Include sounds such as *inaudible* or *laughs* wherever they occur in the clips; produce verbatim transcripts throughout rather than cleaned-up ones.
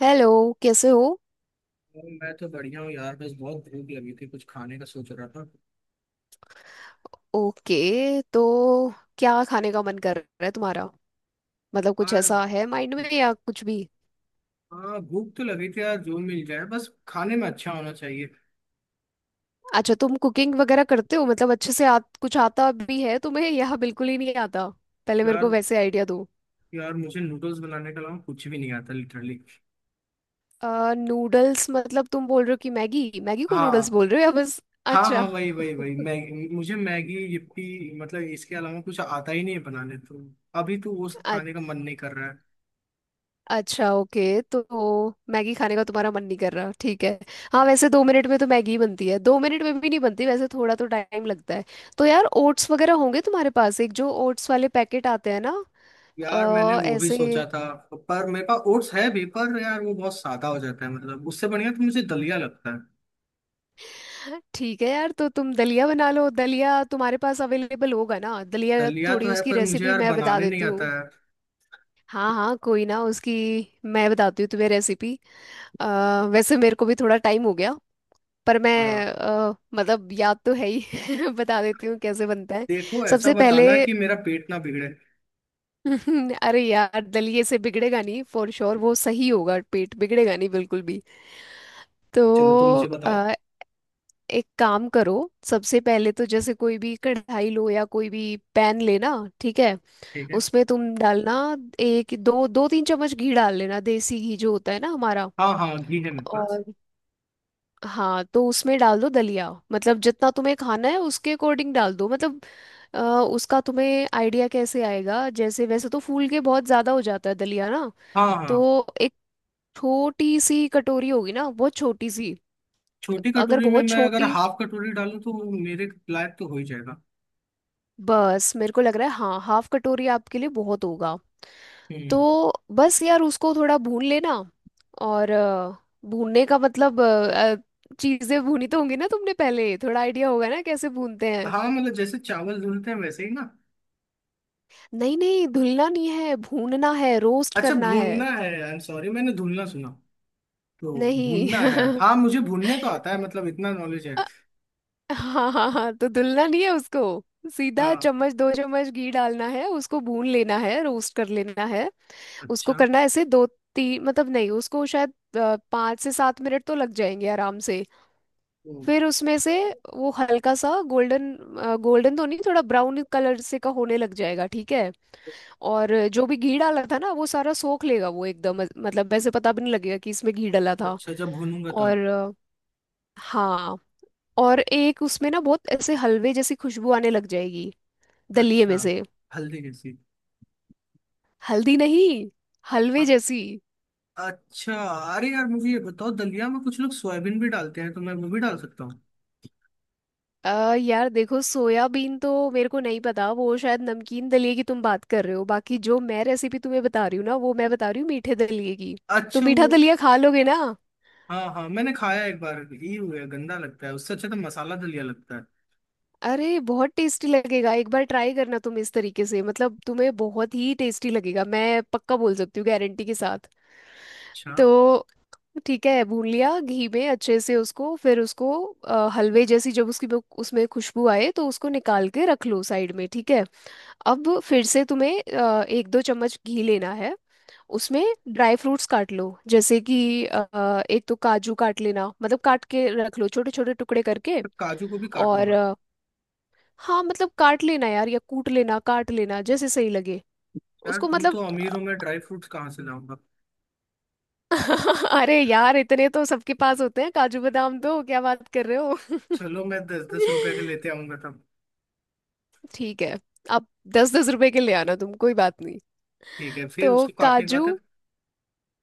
Hello. कैसे हो? और मैं तो बढ़िया हूँ यार। बस बहुत भूख लगी थी, कुछ खाने का सोच रहा था। ओके, तो क्या खाने का मन कर रहा है तुम्हारा? मतलब, कुछ यार ऐसा है माइंड में या कुछ भी? हाँ भूख तो लगी थी यार, जो मिल जाए बस, खाने में अच्छा होना चाहिए। अच्छा, तुम कुकिंग वगैरह करते हो? मतलब अच्छे से आ, कुछ आता भी है तुम्हें या बिल्कुल ही नहीं आता? पहले मेरे को यार वैसे आइडिया दो। यार, मुझे नूडल्स बनाने के अलावा कुछ भी नहीं आता, लिटरली। आ, नूडल्स? मतलब तुम बोल रहे हो कि मैगी, मैगी को नूडल्स हाँ। बोल रहे हो या बस? हाँ अच्छा। हाँ वही वही वही मैगी, मुझे मैगी, यिप्पी, मतलब इसके अलावा कुछ आता ही नहीं है बनाने तो। अभी तो वो सब खाने *laughs* का मन नहीं कर रहा है। अच्छा, ओके। तो मैगी खाने का तुम्हारा मन नहीं कर रहा, ठीक है। हाँ, वैसे दो मिनट में तो मैगी बनती है, दो मिनट में भी नहीं बनती वैसे, थोड़ा तो टाइम लगता है। तो यार, ओट्स वगैरह होंगे तुम्हारे पास, एक जो ओट्स वाले पैकेट आते हैं ना? यार मैंने अ, वो भी ऐसे। सोचा था। पर मेरे पास ओट्स है भी, पर यार वो बहुत सादा हो जाता है, मतलब उससे बढ़िया तो मुझे दलिया लगता है। ठीक है यार, तो तुम दलिया बना लो। दलिया तुम्हारे पास अवेलेबल होगा ना? दलिया, दलिया तो थोड़ी है उसकी पर मुझे रेसिपी यार मैं बता बनाने नहीं देती हूँ। आता है। हाँ हाँ, कोई ना, उसकी मैं बताती हूँ तुम्हें रेसिपी। वैसे मेरे को भी थोड़ा टाइम हो गया, पर हाँ। मैं अ, मतलब याद तो है ही। *laughs* बता देती हूँ कैसे बनता है। देखो ऐसा सबसे पहले बताना कि मेरा पेट ना बिगड़े। *laughs* अरे यार, दलिये से बिगड़ेगा नहीं, फॉर श्योर वो सही होगा, पेट बिगड़ेगा नहीं बिल्कुल भी। तो चलो तो मुझे बताओ। अ, एक काम करो, सबसे पहले तो जैसे कोई भी कढ़ाई लो या कोई भी पैन लेना, ठीक है? ठीक है। उसमें तुम डालना एक दो, दो तीन चम्मच घी डाल लेना, देसी घी जो होता है ना हमारा। हाँ हाँ घी है मेरे पास। और, हाँ, तो उसमें डाल दो दलिया, मतलब जितना तुम्हें खाना है उसके अकॉर्डिंग डाल दो, मतलब अ, उसका तुम्हें आइडिया कैसे आएगा, जैसे वैसे तो फूल के बहुत ज़्यादा हो जाता है दलिया ना। हाँ। हाँ। तो एक छोटी सी कटोरी होगी ना, बहुत छोटी सी। छोटी अगर कटोरी में बहुत मैं अगर छोटी, हाफ कटोरी डालूं तो वो मेरे लायक तो हो ही जाएगा। बस मेरे को लग रहा है, हाँ हाफ कटोरी आपके लिए बहुत होगा। हम्म। तो बस यार उसको थोड़ा भून लेना। और अ, भूनने का मतलब, चीज़ें भूनी तो होंगी ना तुमने पहले? थोड़ा आइडिया होगा ना कैसे भूनते हैं। हाँ मतलब जैसे चावल धुलते हैं वैसे ही ना। नहीं नहीं, धुलना नहीं है, भूनना है, रोस्ट अच्छा, करना है। भूनना है, आई एम सॉरी, मैंने धुलना सुना। तो नहीं भूनना है। *laughs* हाँ मुझे भूनने तो आता है, मतलब इतना नॉलेज है। अ- हाँ हाँ हाँ, तो धुलना नहीं है उसको, सीधा हाँ। चम्मच, दो चम्मच घी डालना है, उसको भून लेना है, रोस्ट कर लेना है। उसको अच्छा। करना है ऐसे दो तीन, मतलब नहीं, उसको शायद अ, पाँच से सात मिनट तो लग जाएंगे आराम से। हम्म, फिर उसमें से वो हल्का सा गोल्डन, गोल्डन तो नहीं, थोड़ा ब्राउन कलर से का होने लग जाएगा, ठीक है? और जो भी घी डाला था ना, वो सारा सोख लेगा वो एकदम, मतलब वैसे पता भी नहीं लगेगा कि इसमें घी डाला था। अच्छा जब भूनूंगा और तब। अ, हाँ, और एक उसमें ना बहुत ऐसे हलवे जैसी खुशबू आने लग जाएगी दलिये अच्छा। में से। हल्दी कैसी। हल्दी नहीं, हलवे जैसी। अच्छा। अरे यार मुझे ये बताओ, दलिया में कुछ लोग सोयाबीन भी डालते हैं, तो मैं वो भी डाल सकता हूँ। अ यार देखो, सोयाबीन तो मेरे को नहीं पता, वो शायद नमकीन दलिए की तुम बात कर रहे हो, बाकी जो मैं रेसिपी तुम्हें बता रही हूँ ना वो मैं बता रही हूँ मीठे दलिए की। तो अच्छा मीठा वो। दलिया खा लोगे ना? हाँ हाँ मैंने खाया एक बार, ये हुआ गंदा लगता है, उससे अच्छा तो मसाला दलिया लगता है। अरे बहुत टेस्टी लगेगा, एक बार ट्राई करना तुम इस तरीके से, मतलब तुम्हें बहुत ही टेस्टी लगेगा, मैं पक्का बोल सकती हूँ गारंटी के साथ। अच्छा, तो ठीक है, भून लिया घी में अच्छे से उसको, फिर उसको अ, हलवे जैसी जब उसकी वो- उसमें खुशबू आए, तो उसको निकाल के रख लो साइड में, ठीक है? अब फिर से तुम्हें अ, एक दो चम्मच घी लेना है उसमें, ड्राई फ्रूट्स काट लो, जैसे कि अ, एक तो काजू काट लेना, मतलब काट के रख लो, छोटे छोटे टुकड़े करके। तो काजू को भी और काटूंगा। अ, हाँ, मतलब काट लेना यार, या कूट लेना, काट लेना जैसे सही लगे यार उसको, तुम मतलब। तो अमीर हो, मैं ड्राई फ्रूट्स कहाँ से लाऊंगा। *laughs* अरे यार, इतने तो सबके पास होते हैं, काजू बादाम, तो क्या बात कर रहे हो? चलो मैं दस दस रुपए के लेते *laughs* आऊंगा तब। ठीक है। अब दस दस रुपए के ले आना तुम, कोई बात नहीं। ठीक है, फिर तो उसको काटने के काजू बाद है,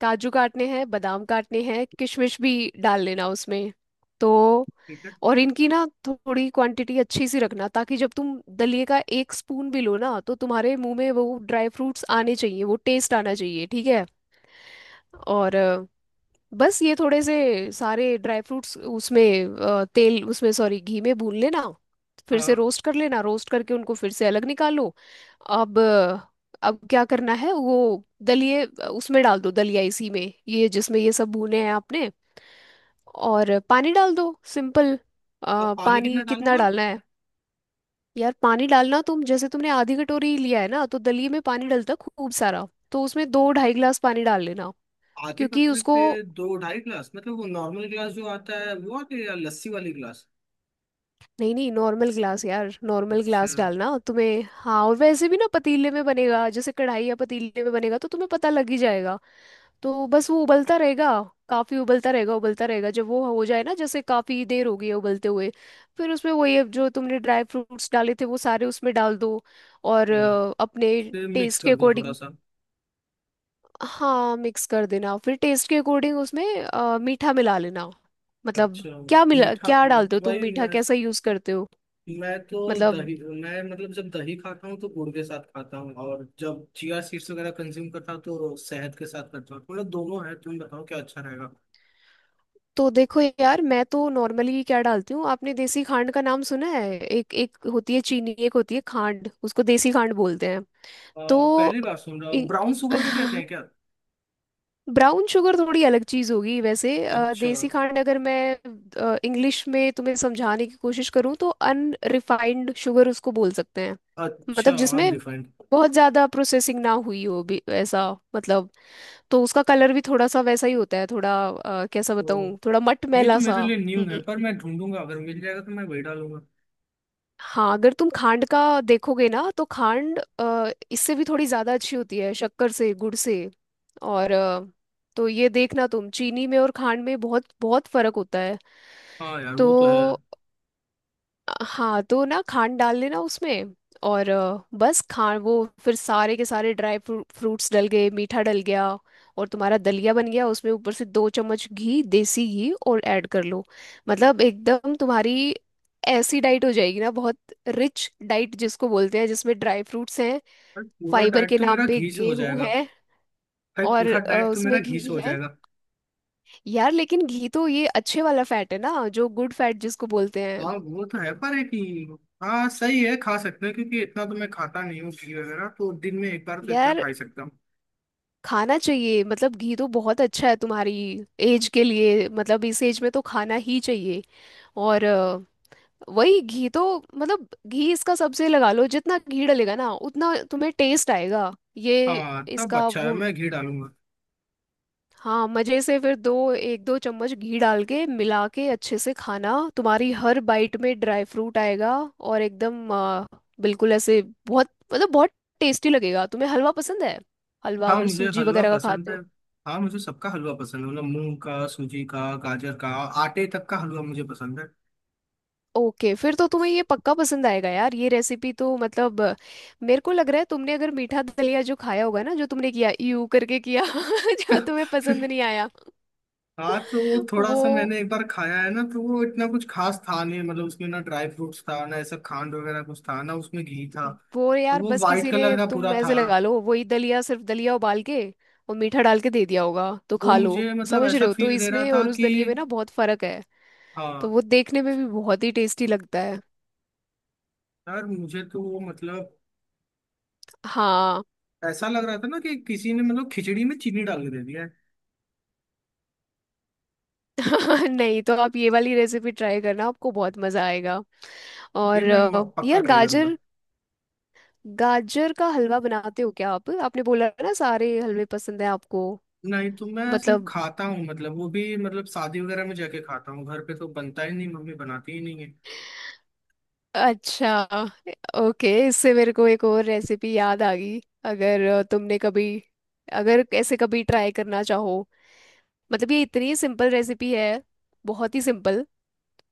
काजू काटने हैं, बादाम काटने हैं, किशमिश भी डाल लेना उसमें। तो, ठीक है। और इनकी ना थोड़ी क्वांटिटी अच्छी सी रखना, ताकि जब तुम दलिये का एक स्पून भी लो ना, तो तुम्हारे मुंह में वो ड्राई फ्रूट्स आने चाहिए, वो टेस्ट आना चाहिए, ठीक है? और बस ये थोड़े से सारे ड्राई फ्रूट्स उसमें अ, तेल, उसमें सॉरी घी में भून लेना, फिर से हाँ। रोस्ट कर लेना, रोस्ट करके उनको फिर से अलग निकाल लो। अब अ, अब क्या करना है, वो दलिए अ, उसमें डाल दो दलिया इसी में, ये जिसमें ये सब भुने हैं आपने, और पानी डाल दो, सिंपल। अब अ, पानी कितना पानी कितना डालूंगा। डालना है? यार, पानी डालना तुम जैसे तुमने आधी कटोरी लिया है ना, तो दलिये में पानी डलता खूब सारा, तो उसमें दो ढाई गिलास पानी डाल लेना, आधे क्योंकि कटोरे उसको, पे। दो ढाई गिलास मतलब वो नॉर्मल गिलास जो आता है वो, आते या लस्सी वाली गिलास। नहीं नहीं, नॉर्मल ग्लास यार, नॉर्मल अच्छा। ग्लास डालना तुम्हें। हाँ, और वैसे भी ना पतीले में बनेगा, जैसे कढ़ाई या पतीले में बनेगा तो तुम्हें पता लग ही जाएगा। तो बस वो उबलता रहेगा, काफी उबलता रहेगा, उबलता रहेगा। जब वो हो जाए ना, जैसे काफी देर हो गई है उबलते हुए, फिर उसमें वही अब जो तुमने ड्राई फ्रूट्स डाले थे वो सारे उसमें डाल दो। और हम्म, अ, अपने फिर मिक्स टेस्ट के कर दूं थोड़ा अकॉर्डिंग, सा। हाँ मिक्स कर देना, फिर टेस्ट के अकॉर्डिंग उसमें अ, मीठा मिला लेना, मतलब अच्छा। क्या मिला, मीठा। क्या डालते हो तुम वही मीठा, मैं कैसा यूज करते हो मैं तो मतलब? दही मैं मतलब जब दही खाता हूँ तो गुड़ के साथ खाता हूँ, और जब चिया सीड्स वगैरह कंज्यूम करता हूँ तो शहद के साथ करता हूँ, मतलब दोनों है, तुम बताओ क्या अच्छा रहेगा। तो देखो यार, मैं तो नॉर्मली क्या डालती हूँ, आपने देसी खांड का नाम सुना है? एक, एक होती है चीनी, एक होती है खांड, उसको देसी खांड बोलते हैं। अ, तो, पहली बार सुन रहा हूँ, ब्राउन शुगर को कहते हैं क्या। ब्राउन शुगर *laughs* थोड़ी अलग चीज़ होगी वैसे, अ, अच्छा। देसी खांड अगर मैं इंग्लिश में तुम्हें समझाने की कोशिश करूँ, तो अनरिफाइंड शुगर उसको बोल सकते हैं, अच्छा मतलब जिसमें अनरिफाइंड। बहुत ज़्यादा प्रोसेसिंग ना हुई हो भी ऐसा मतलब। तो उसका कलर भी थोड़ा सा वैसा ही होता है, थोड़ा अ, कैसा तो बताऊँ, थोड़ा ये तो मटमैला सा। मेरे लिए न्यू है, पर मैं ढूंढूंगा, अगर मिल जाएगा तो मैं वही डालूंगा। हाँ अगर तुम खांड का देखोगे ना, तो खांड अ, इससे भी थोड़ी ज्यादा अच्छी होती है शक्कर से, गुड़ से। और अ, तो ये देखना, तुम चीनी में और खांड में बहुत बहुत फर्क होता है। हाँ यार तो वो तो है भाई। हाँ, तो ना खांड डाल देना उसमें। और अ, बस खान, वो फिर सारे के सारे ड्राई फ्रूट्स डल गए, मीठा डल गया, और तुम्हारा दलिया बन गया। उसमें ऊपर से दो चम्मच घी, देसी घी, और ऐड कर लो। मतलब एकदम तुम्हारी ऐसी डाइट हो जाएगी ना, बहुत रिच डाइट जिसको बोलते हैं, जिसमें ड्राई फ्रूट्स हैं, पूरा फाइबर डाइट के तो नाम मेरा पे घी से हो गेहूं जाएगा। है, भाई और पूरा अ, डाइट तो मेरा उसमें घी से घी हो है। जाएगा। यार लेकिन घी तो ये अच्छे वाला फैट है ना, जो गुड फैट जिसको बोलते हैं। हाँ वो तो है पर एक ही- हाँ सही है, खा सकते हैं, क्योंकि इतना तो मैं खाता नहीं हूँ घी वगैरह, तो दिन में एक बार तो इतना यार खा ही सकता हूँ। खाना चाहिए, मतलब घी तो बहुत अच्छा है तुम्हारी एज के लिए, मतलब इस एज में तो खाना ही चाहिए। और अ, वही घी तो, मतलब घी इसका सबसे लगा लो, जितना घी डलेगा ना उतना तुम्हें टेस्ट आएगा, ये हाँ तब इसका अच्छा है, वो। मैं घी डालूंगा। हाँ, मजे से फिर दो, एक दो चम्मच घी डाल के मिला के अच्छे से खाना, तुम्हारी हर बाइट में ड्राई फ्रूट आएगा, और एकदम अ, बिल्कुल ऐसे, बहुत मतलब बहुत टेस्टी लगेगा। तुम्हें हलवा पसंद है? हलवा हाँ अगर मुझे सूजी हलवा वगैरह का पसंद खाते है। हो? हाँ मुझे सबका हलवा पसंद है, मतलब मूंग का, सूजी का, गाजर का। आटे तक का हलवा मुझे पसंद है। ओके फिर तो तुम्हें ये पक्का पसंद आएगा यार, ये रेसिपी तो, मतलब अ, मेरे को लग रहा है, तुमने अगर मीठा दलिया जो खाया होगा ना, जो तुमने किया, यू करके किया *laughs* जो तुम्हें पसंद *laughs* नहीं आया। हाँ तो वो थोड़ा सा वो मैंने एक बार खाया है ना, तो वो इतना कुछ खास था नहीं, मतलब उसमें ना ड्राई फ्रूट्स था, ना ऐसा खांड वगैरह कुछ था, ना उसमें घी था। वो तो यार, वो बस वाइट किसी कलर ने, का पूरा तुम था। ऐसे लगा लो, वही दलिया, सिर्फ दलिया उबाल के और मीठा डाल के दे दिया होगा तो वो खा लो, मुझे मतलब समझ ऐसा रहे हो? तो फील दे रहा इसमें था और उस कि। दलिये में ना बहुत फर्क है। तो हाँ। वो देखने में भी बहुत ही टेस्टी लगता है। यार मुझे तो वो मतलब हाँ। ऐसा लग रहा था ना कि किसी ने मतलब खिचड़ी में चीनी डाल के दे दिया है। *laughs* नहीं तो आप ये वाली रेसिपी ट्राई करना, आपको बहुत मजा आएगा। ये और मैं म- अ, पक्का यार ट्राई करूंगा। गाजर, गाजर का हलवा बनाते हो क्या आप? आपने बोला ना सारे हलवे पसंद है आपको, नहीं, तो मैं सिर्फ मतलब। खाता हूँ, मतलब वो भी मतलब शादी वगैरह में जाके खाता हूँ, घर पे तो बनता ही नहीं, मम्मी बनाती ही नहीं है। अच्छा, ओके, इससे मेरे को एक और रेसिपी याद आ गई। अगर अ, तुमने कभी, अगर ऐसे कभी ट्राई करना चाहो, मतलब ये इतनी सिंपल रेसिपी है, बहुत ही सिंपल,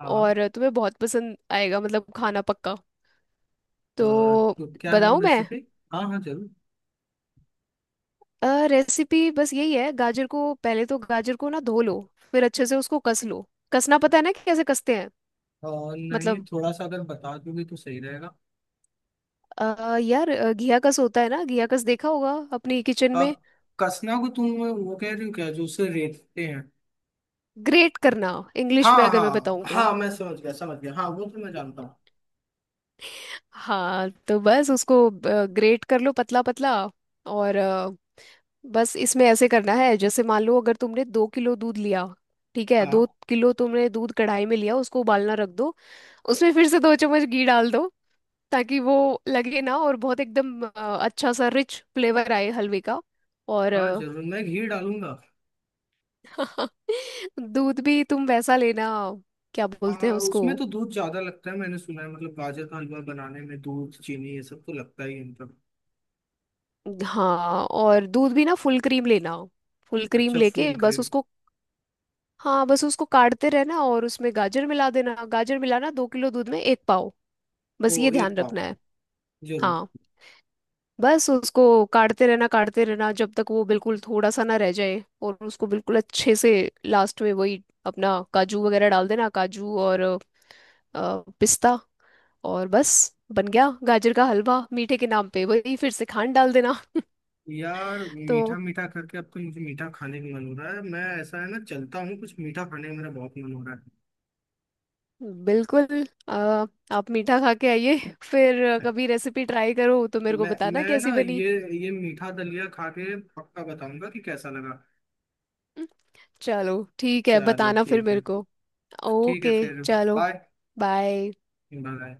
हाँ। और तुम्हें बहुत पसंद आएगा मतलब खाना, पक्का। अ, तो तो क्या है वो बताऊं मैं रेसिपी। हाँ हाँ जरूर। रेसिपी? बस यही है, गाजर को पहले, तो गाजर को ना धो लो, फिर अच्छे से उसको कस लो। कसना पता है ना कि कैसे कसते हैं? अ, नहीं, मतलब थोड़ा सा अगर बता दोगे तो सही रहेगा। अ, यार अ, घिया कस होता है ना, घिया कस देखा होगा अपनी किचन में? अब कसना को तुम वो कह रही हो क्या जो उसे रेतते हैं। ग्रेट करना, इंग्लिश में हाँ अगर मैं हाँ बताऊं तो। हाँ मैं समझ गया समझ गया, हाँ वो तो मैं जानता हूँ। हाँ, तो बस उसको ग्रेट कर लो पतला पतला, और अ, बस इसमें ऐसे करना है। जैसे मान लो, अगर तुमने दो किलो दूध लिया, ठीक है, दो हाँ किलो तुमने दूध कढ़ाई में लिया, उसको उबालना रख दो। उसमें फिर से दो चम्मच घी डाल दो, ताकि वो लगे ना, और बहुत एकदम अ, अच्छा सा रिच फ्लेवर आए हलवे का, और हाँ जरूर मैं घी डालूंगा। *laughs* दूध भी तुम वैसा लेना, क्या आ, बोलते हैं उसको। उसमें तो दूध ज्यादा लगता है, मैंने सुना है, मतलब गाजर का हलवा बनाने में दूध, चीनी, ये सब तो लगता ही है मतलब। हाँ, और दूध भी ना फुल क्रीम लेना, फुल क्रीम अच्छा लेके फुल बस क्रीम। उसको, हाँ, बस उसको काटते रहना, और उसमें गाजर मिला देना, गाजर मिलाना दो किलो दूध में एक पाव, ओ, बस ये एक ध्यान पाव, रखना है। जरूर। हाँ, बस उसको काटते रहना, काटते रहना जब तक वो बिल्कुल थोड़ा सा ना रह जाए, और उसको बिल्कुल अच्छे से, लास्ट में वही अपना काजू वगैरह डाल देना, काजू और अ, पिस्ता, और बस बन गया गाजर का हलवा। मीठे के नाम पे वही फिर से खांड डाल देना। यार मीठा तो मीठा करके अब तो मुझे मीठा खाने का मन हो रहा है, मैं ऐसा है ना, चलता हूँ, कुछ मीठा खाने का मेरा बहुत मन हो रहा बिल्कुल आ, आप मीठा खा के आइए, फिर है। कभी रेसिपी ट्राई करो तो मेरे को मैं बताना मैं कैसी ना बनी। ये ये मीठा दलिया खा के पक्का बताऊंगा कि कैसा लगा। चलो ठीक है, चलो बताना फिर ठीक मेरे है। को, ठीक है ओके फिर। चलो, बाय। बाय। बाय।